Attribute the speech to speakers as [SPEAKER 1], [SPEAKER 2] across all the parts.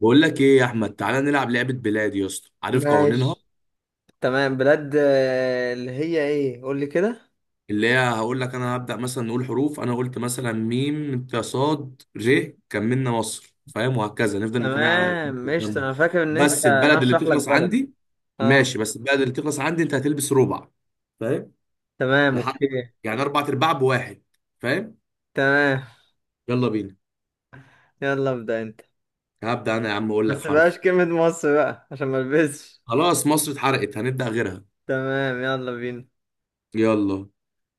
[SPEAKER 1] بقول لك ايه يا احمد؟ تعالى نلعب لعبه بلاد يا اسطى. عارف قوانينها؟
[SPEAKER 2] ماشي. تمام، بلاد آه، اللي هي ايه؟ قول لي كده.
[SPEAKER 1] اللي هي هقول لك انا هبدا، مثلا نقول حروف، انا قلت مثلا ميم انت صاد ر كملنا مصر، فاهم؟ وهكذا نفضل نكمل على
[SPEAKER 2] تمام
[SPEAKER 1] الكلام
[SPEAKER 2] قشطة،
[SPEAKER 1] ده.
[SPEAKER 2] انا فاكر ان انت،
[SPEAKER 1] بس
[SPEAKER 2] انا
[SPEAKER 1] البلد اللي
[SPEAKER 2] هشرح لك
[SPEAKER 1] تخلص
[SPEAKER 2] بلد.
[SPEAKER 1] عندي،
[SPEAKER 2] اه
[SPEAKER 1] ماشي. بس البلد اللي تخلص عندي انت هتلبس ربع، فاهم؟
[SPEAKER 2] تمام
[SPEAKER 1] لحد،
[SPEAKER 2] اوكي.
[SPEAKER 1] يعني اربع ارباع بواحد، فاهم؟
[SPEAKER 2] تمام
[SPEAKER 1] يلا بينا.
[SPEAKER 2] يلا ابدأ انت.
[SPEAKER 1] هبدا انا يا عم، اقول لك
[SPEAKER 2] بس
[SPEAKER 1] حرف.
[SPEAKER 2] بقاش كلمة مصر بقى عشان ما البسش.
[SPEAKER 1] خلاص مصر اتحرقت، هنبدا غيرها.
[SPEAKER 2] تمام يلا بينا.
[SPEAKER 1] يلا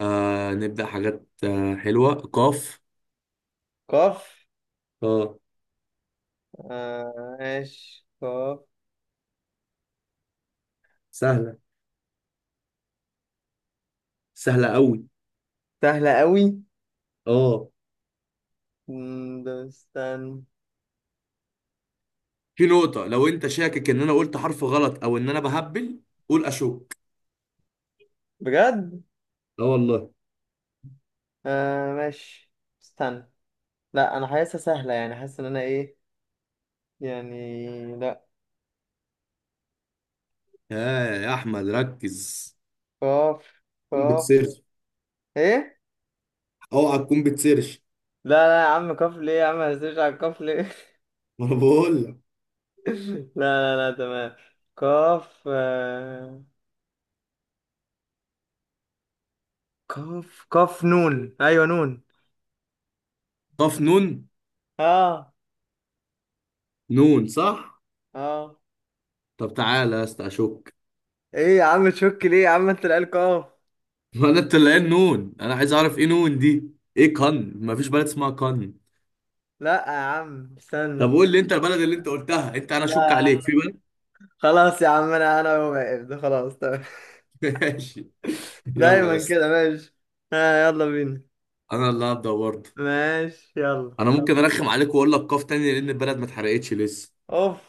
[SPEAKER 1] آه، نبدا حاجات آه حلوه. قاف.
[SPEAKER 2] قاف
[SPEAKER 1] اه.
[SPEAKER 2] آه، ماشي قاف.
[SPEAKER 1] سهلة. سهله قوي.
[SPEAKER 2] سهلة قوي.
[SPEAKER 1] اه.
[SPEAKER 2] ده استنى.
[SPEAKER 1] في نقطة، لو انت شاكك ان انا قلت حرف غلط او ان انا بهبل، قول اشك.
[SPEAKER 2] بجد؟
[SPEAKER 1] اه والله.
[SPEAKER 2] آه ماشي. استنى، لا انا حاسسها سهلة، يعني حاسس ان انا ايه، يعني لا.
[SPEAKER 1] ها يا احمد ركز.
[SPEAKER 2] قاف
[SPEAKER 1] تكون
[SPEAKER 2] قاف.
[SPEAKER 1] بتسيرش.
[SPEAKER 2] ايه؟
[SPEAKER 1] اوعى تكون بتسيرش.
[SPEAKER 2] لا لا، يا عم كاف ليه يا عم؟ هسيرش على الكاف ليه؟
[SPEAKER 1] ما انا بقول لك.
[SPEAKER 2] لا لا لا تمام. كاف آه، كاف كاف نون ايوه نون.
[SPEAKER 1] قاف نون.
[SPEAKER 2] اه.
[SPEAKER 1] نون صح.
[SPEAKER 2] اه.
[SPEAKER 1] طب تعالى يا اسطى اشك.
[SPEAKER 2] ايه يا عم تشك ليه يا عم؟ انت العيال كاف.
[SPEAKER 1] ما انا طلعان نون، انا عايز اعرف ايه نون دي؟ ايه؟ كن؟ ما فيش بلد اسمها كن.
[SPEAKER 2] لا يا عم استنى.
[SPEAKER 1] طب قول لي انت البلد اللي انت قلتها، انت انا اشك
[SPEAKER 2] لا
[SPEAKER 1] عليك في بلد.
[SPEAKER 2] خلاص يا عم، انا واقف ده خلاص تمام.
[SPEAKER 1] ماشي. يلا يا
[SPEAKER 2] دايما
[SPEAKER 1] اسطى.
[SPEAKER 2] كده ماشي. ها يلا بينا.
[SPEAKER 1] انا اللي هبدا برضه.
[SPEAKER 2] ماشي يلا.
[SPEAKER 1] انا ممكن ارخم عليك واقول لك قاف تاني، لان البلد ما اتحرقتش لسه.
[SPEAKER 2] اوف.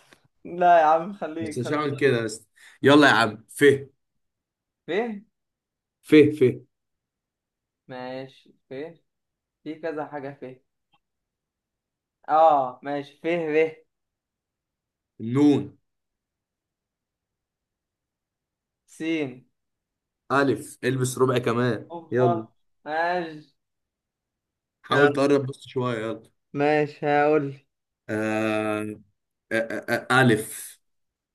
[SPEAKER 2] لا يا عم
[SPEAKER 1] بس
[SPEAKER 2] خليك
[SPEAKER 1] مش
[SPEAKER 2] خليك.
[SPEAKER 1] هعمل كده. بس يلا يا عم. ف.
[SPEAKER 2] فين؟
[SPEAKER 1] ف. ف.
[SPEAKER 2] ماشي فين. في كذا حاجة فين. اه ماشي، ف. ر.
[SPEAKER 1] نون
[SPEAKER 2] س.
[SPEAKER 1] الف. البس ربع كمان، يلا.
[SPEAKER 2] اوبا. ماشي يلا.
[SPEAKER 1] حاول تقرب بس شويه، يلا.
[SPEAKER 2] ماشي هقول.
[SPEAKER 1] آه... آه، الف.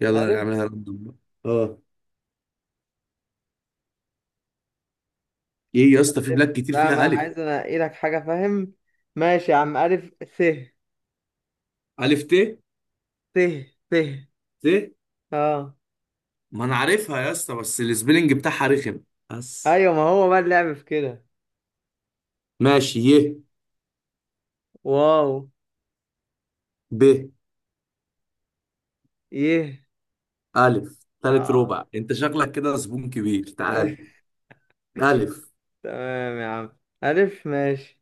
[SPEAKER 1] يلا
[SPEAKER 2] ألف.
[SPEAKER 1] نعملها راندوم بقى. اه. ايه يا اسطى، في بلاد
[SPEAKER 2] ألف؟
[SPEAKER 1] كتير
[SPEAKER 2] لا، ما
[SPEAKER 1] فيها
[SPEAKER 2] أنا
[SPEAKER 1] الف.
[SPEAKER 2] عايز أنقي لك حاجة فاهم. ماشي يا عم، ألف س.
[SPEAKER 1] الف ت.
[SPEAKER 2] س. س.
[SPEAKER 1] ت.
[SPEAKER 2] أه.
[SPEAKER 1] ما انا عارفها يا اسطى، بس السبيلنج بتاعها رخم بس.
[SPEAKER 2] أيوة، ما هو بقى اللعب في كده.
[SPEAKER 1] ماشي. ي.
[SPEAKER 2] واو.
[SPEAKER 1] ب.
[SPEAKER 2] يه.
[SPEAKER 1] الف تالت
[SPEAKER 2] أه.
[SPEAKER 1] ربع، انت شكلك كده زبون كبير، تعال. الف.
[SPEAKER 2] تمام يا عم. ألف ماشي.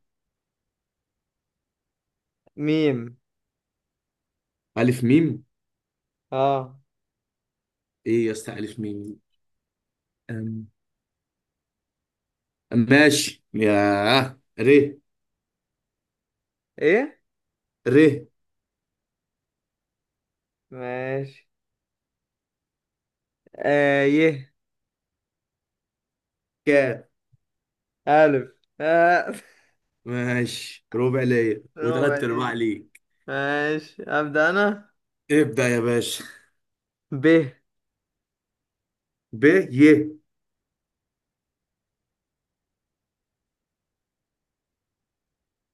[SPEAKER 2] ميم.
[SPEAKER 1] ألف ميم.
[SPEAKER 2] أه.
[SPEAKER 1] إيه يا اسطى ألف ميم دي؟ أم. ماشي يا. ر.
[SPEAKER 2] إيه؟
[SPEAKER 1] ر.
[SPEAKER 2] ماشي. آه يه.
[SPEAKER 1] ك.
[SPEAKER 2] ألف. آه.
[SPEAKER 1] ماشي، ربع ليا
[SPEAKER 2] ربع
[SPEAKER 1] وثلاث أرباع
[SPEAKER 2] دي.
[SPEAKER 1] ليك.
[SPEAKER 2] ماشي أبدأ أنا.
[SPEAKER 1] ابدأ يا باشا.
[SPEAKER 2] ب.
[SPEAKER 1] ب. ي.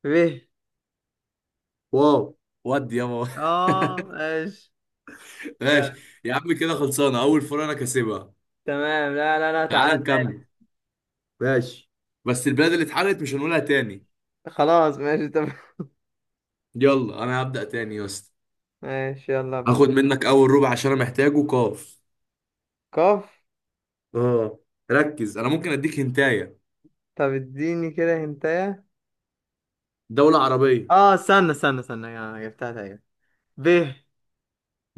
[SPEAKER 2] ب.
[SPEAKER 1] واو. ودي يابا.
[SPEAKER 2] اه ماشي.
[SPEAKER 1] ماشي.
[SPEAKER 2] جامد.
[SPEAKER 1] يا عم كده خلصانة، أول فرقة أنا كاسبها.
[SPEAKER 2] تمام، لا لا لا
[SPEAKER 1] تعال
[SPEAKER 2] تعالى
[SPEAKER 1] نكمل.
[SPEAKER 2] تاني.
[SPEAKER 1] ماشي. بس البلاد اللي اتحرقت مش هنقولها تاني.
[SPEAKER 2] خلاص ماشي تمام.
[SPEAKER 1] يلا أنا هبدأ تاني يا اسطى.
[SPEAKER 2] ماشي يلا ابدأ.
[SPEAKER 1] هاخد منك أول ربع عشان أنا محتاجه. قاف.
[SPEAKER 2] قاف.
[SPEAKER 1] اه. ركز، أنا ممكن أديك هنتاية.
[SPEAKER 2] طب اديني كده هنتايه.
[SPEAKER 1] دولة عربية.
[SPEAKER 2] اه استنى استنى استنى، انا جبتها تقريبا. ب.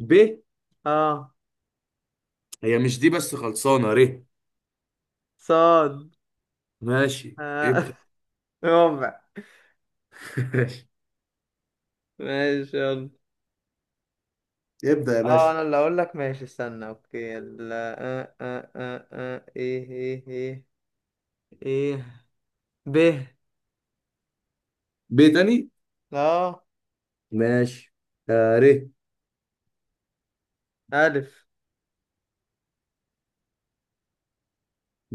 [SPEAKER 1] ب.
[SPEAKER 2] اه.
[SPEAKER 1] هي مش دي، بس خلصانة. ر.
[SPEAKER 2] صاد.
[SPEAKER 1] ماشي.
[SPEAKER 2] آه.
[SPEAKER 1] ابدأ.
[SPEAKER 2] ربع.
[SPEAKER 1] ماشي.
[SPEAKER 2] ماشي يلا.
[SPEAKER 1] ابدأ يا
[SPEAKER 2] اه
[SPEAKER 1] باشا.
[SPEAKER 2] انا اللي اقول لك ماشي. استنى، اوكي يلا. آه آه آه آه. ايه ايه ايه. ايه. ب.
[SPEAKER 1] ب تاني.
[SPEAKER 2] اه.
[SPEAKER 1] ماشي. آه ر.
[SPEAKER 2] الف.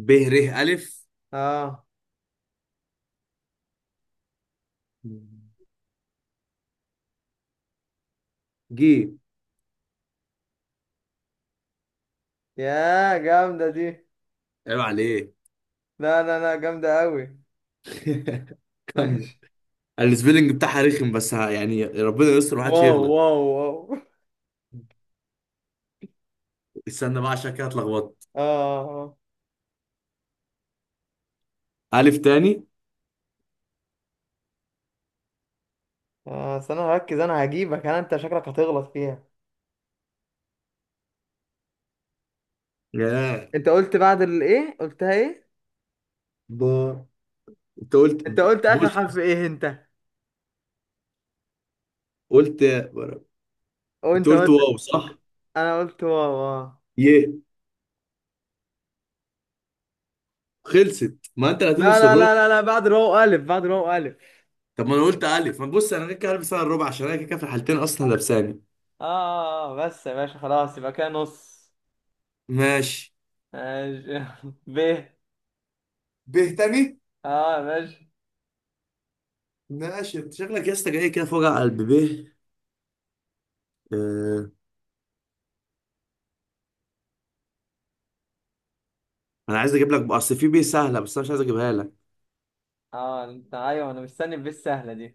[SPEAKER 1] ب ر ألف.
[SPEAKER 2] اه.
[SPEAKER 1] ج.
[SPEAKER 2] يا جامدة دي.
[SPEAKER 1] عيب عليك.
[SPEAKER 2] لا لا لا جامدة أوي.
[SPEAKER 1] كمل.
[SPEAKER 2] ماشي.
[SPEAKER 1] السبيلنج بتاعها رخم بس، ها يعني ربنا يستر محدش
[SPEAKER 2] واو
[SPEAKER 1] يغلط.
[SPEAKER 2] واو واو.
[SPEAKER 1] استنى بقى، عشان كده اتلخبطت.
[SPEAKER 2] اه اه
[SPEAKER 1] ألف تاني.
[SPEAKER 2] اه آه، بس أنا هركز، أنا هجيبك، أنا أنت شكلك هتغلط فيها.
[SPEAKER 1] ياه.
[SPEAKER 2] أنت قلت بعد الإيه؟ قلتها إيه؟
[SPEAKER 1] ب. انت قلت
[SPEAKER 2] انت
[SPEAKER 1] ب-
[SPEAKER 2] قلت اخر
[SPEAKER 1] بص
[SPEAKER 2] حرف
[SPEAKER 1] بص.
[SPEAKER 2] ايه انت؟
[SPEAKER 1] قلت، انت
[SPEAKER 2] وأنت
[SPEAKER 1] قلت
[SPEAKER 2] قلت.
[SPEAKER 1] واو صح.
[SPEAKER 2] أنا قلت واو اه.
[SPEAKER 1] يه. خلصت، ما انت اللي
[SPEAKER 2] لا
[SPEAKER 1] هتلبس
[SPEAKER 2] لا
[SPEAKER 1] الرو.
[SPEAKER 2] لا لا لا، بعد الواو الف، بعد الواو الف.
[SPEAKER 1] طب ما انا قلت الف، ما بص انا كده كده هلبس انا الربع، عشان انا كده كده في الحالتين اصلا لابساني.
[SPEAKER 2] اه آه، آه، بس يا باشا خلاص، يبقى كده نص.
[SPEAKER 1] ماشي.
[SPEAKER 2] ماشي. ب.
[SPEAKER 1] به تاني.
[SPEAKER 2] اه يا باشا.
[SPEAKER 1] ماشي. انت شكلك يا اسطى جاي كده في وجع قلب. به. آه. انا عايز اجيب لك بقى- اصل في بيه سهله بس انا مش عايز اجيبها لك.
[SPEAKER 2] اه انت ايوه، انا مستني الب السهله دي.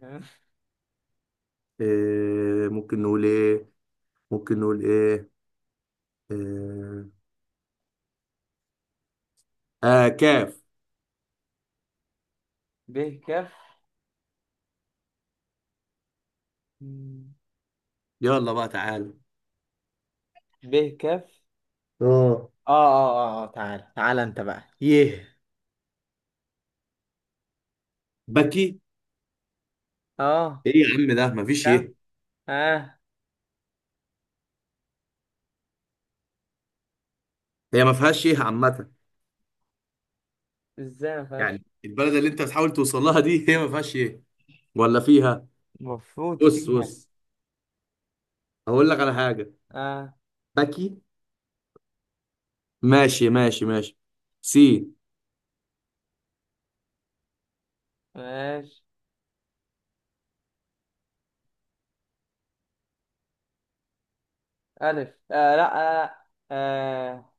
[SPEAKER 1] آه. ممكن نقول ايه؟ ممكن نقول ايه؟ اه, آه، كاف.
[SPEAKER 2] ب كف.
[SPEAKER 1] يلا بقى تعالى.
[SPEAKER 2] ب كف.
[SPEAKER 1] اه.
[SPEAKER 2] اه اه اه آه، تعال تعال انت بقى. يه.
[SPEAKER 1] بكي.
[SPEAKER 2] اه.
[SPEAKER 1] ايه يا عم ده؟ مفيش
[SPEAKER 2] كم.
[SPEAKER 1] ايه.
[SPEAKER 2] اه.
[SPEAKER 1] هي ما فيهاش ايه عامه.
[SPEAKER 2] ازاي ما فيهاش؟
[SPEAKER 1] يعني البلد اللي انت بتحاول توصل لها دي هي ما فيهاش ايه، ولا فيها؟
[SPEAKER 2] المفروض
[SPEAKER 1] بص
[SPEAKER 2] فيها.
[SPEAKER 1] بص، هقول لك على حاجه.
[SPEAKER 2] اه
[SPEAKER 1] بكي. ماشي ماشي ماشي. سي.
[SPEAKER 2] ماشي. الف. آه لا. آه لا آه.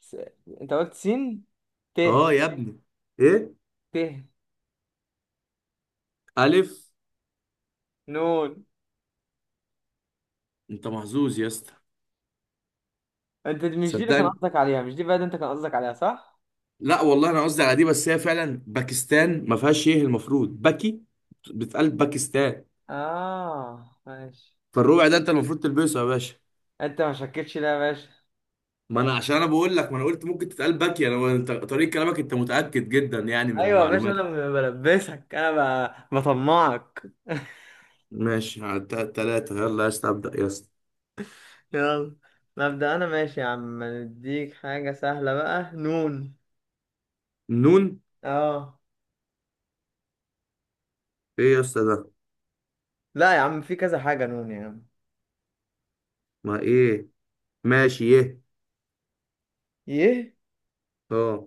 [SPEAKER 2] س... انت قلت سين. ت.
[SPEAKER 1] اه يا ابني. ايه.
[SPEAKER 2] ت.
[SPEAKER 1] الف.
[SPEAKER 2] نون.
[SPEAKER 1] انت محظوظ يا اسطى.
[SPEAKER 2] مش دي اللي كان
[SPEAKER 1] صدقني،
[SPEAKER 2] قصدك عليها؟ مش دي بقى اللي انت كان قصدك عليها؟ صح.
[SPEAKER 1] لا والله انا قصدي على دي، بس هي فعلا باكستان ما فيهاش ايه، المفروض باكي. بتقال باكستان.
[SPEAKER 2] اه ماشي.
[SPEAKER 1] فالربع ده انت المفروض تلبسه يا باشا.
[SPEAKER 2] انت ما شكتش لا يا باشا؟
[SPEAKER 1] ما انا عشان انا بقول لك، ما انا قلت ممكن تتقال باكي. انا انت طريقة كلامك انت متأكد جدا، يعني من
[SPEAKER 2] ايوه يا باشا،
[SPEAKER 1] المعلومات.
[SPEAKER 2] انا بلبسك انا، بطمعك.
[SPEAKER 1] ماشي، على التلاتة. يلا يا اسطى ابدأ يا اسطى.
[SPEAKER 2] يلا. مبدأ انا، ماشي يا عم نديك حاجة سهلة بقى. نون.
[SPEAKER 1] نون.
[SPEAKER 2] اه.
[SPEAKER 1] ايه يا اسطى ده؟
[SPEAKER 2] لا يا عم، في كذا حاجة نون يا عم.
[SPEAKER 1] ما ايه. ماشي، ايه.
[SPEAKER 2] يه.
[SPEAKER 1] اه.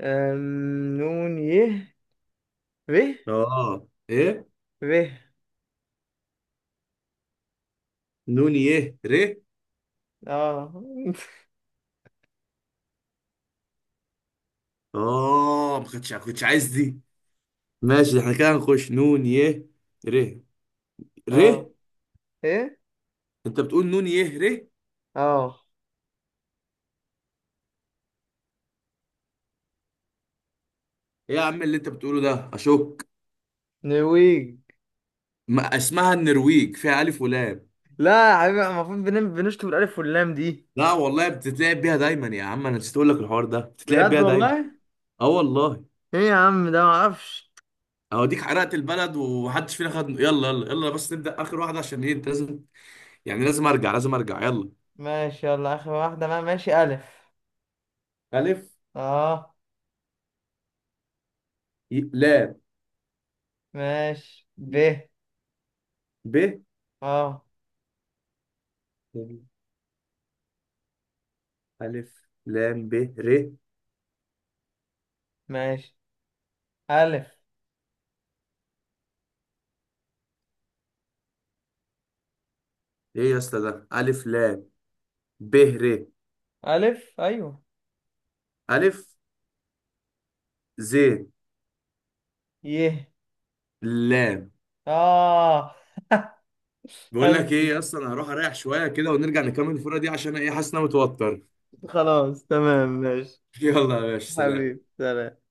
[SPEAKER 2] نون يه. ره.
[SPEAKER 1] اه. ايه.
[SPEAKER 2] ره.
[SPEAKER 1] نون يه ر.
[SPEAKER 2] اه.
[SPEAKER 1] اه، ما كنتش عايز دي. ماشي، احنا كده هنخش نون يه. ر. ر.
[SPEAKER 2] اه. ايه.
[SPEAKER 1] انت بتقول نون يه ر ايه؟
[SPEAKER 2] اه.
[SPEAKER 1] يا عم اللي انت بتقوله ده، اشك.
[SPEAKER 2] نرويج.
[SPEAKER 1] ما اسمها النرويج فيها الف ولام.
[SPEAKER 2] لا يا حبيبي، المفروض بنشطب الألف واللام دي.
[SPEAKER 1] لا والله بتتلعب بيها دايما يا عم، انا نسيت اقول لك الحوار ده، بتتلعب
[SPEAKER 2] بجد
[SPEAKER 1] بيها دايما.
[SPEAKER 2] والله؟
[SPEAKER 1] اه والله.
[SPEAKER 2] ايه يا عم ده، معرفش.
[SPEAKER 1] اوديك حرقت البلد ومحدش فينا خد. يلا يلا يلا، بس نبدأ اخر واحدة عشان ايه، انت لازم، يعني لازم ارجع لازم ارجع. يلا.
[SPEAKER 2] ماشي يلا آخر واحدة بقى. ماشي، ألف.
[SPEAKER 1] ألف.
[SPEAKER 2] اه.
[SPEAKER 1] ي- لام.
[SPEAKER 2] ماشي، ب.
[SPEAKER 1] ب.
[SPEAKER 2] اه
[SPEAKER 1] ألف لام ب. ر.
[SPEAKER 2] ماشي. ألف.
[SPEAKER 1] ايه يا اسطى ده الف لام ب ر؟
[SPEAKER 2] ألف أيوه.
[SPEAKER 1] الف. ز.
[SPEAKER 2] يه.
[SPEAKER 1] لام.
[SPEAKER 2] آه.
[SPEAKER 1] بقول
[SPEAKER 2] أنا،
[SPEAKER 1] لك ايه يا اسطى، انا هروح اريح شويه كده ونرجع نكمل الفوره دي، عشان ايه حاسس إن انا متوتر.
[SPEAKER 2] خلاص تمام ماشي.
[SPEAKER 1] يلا يا باشا سلام.
[SPEAKER 2] حبيبي سلام.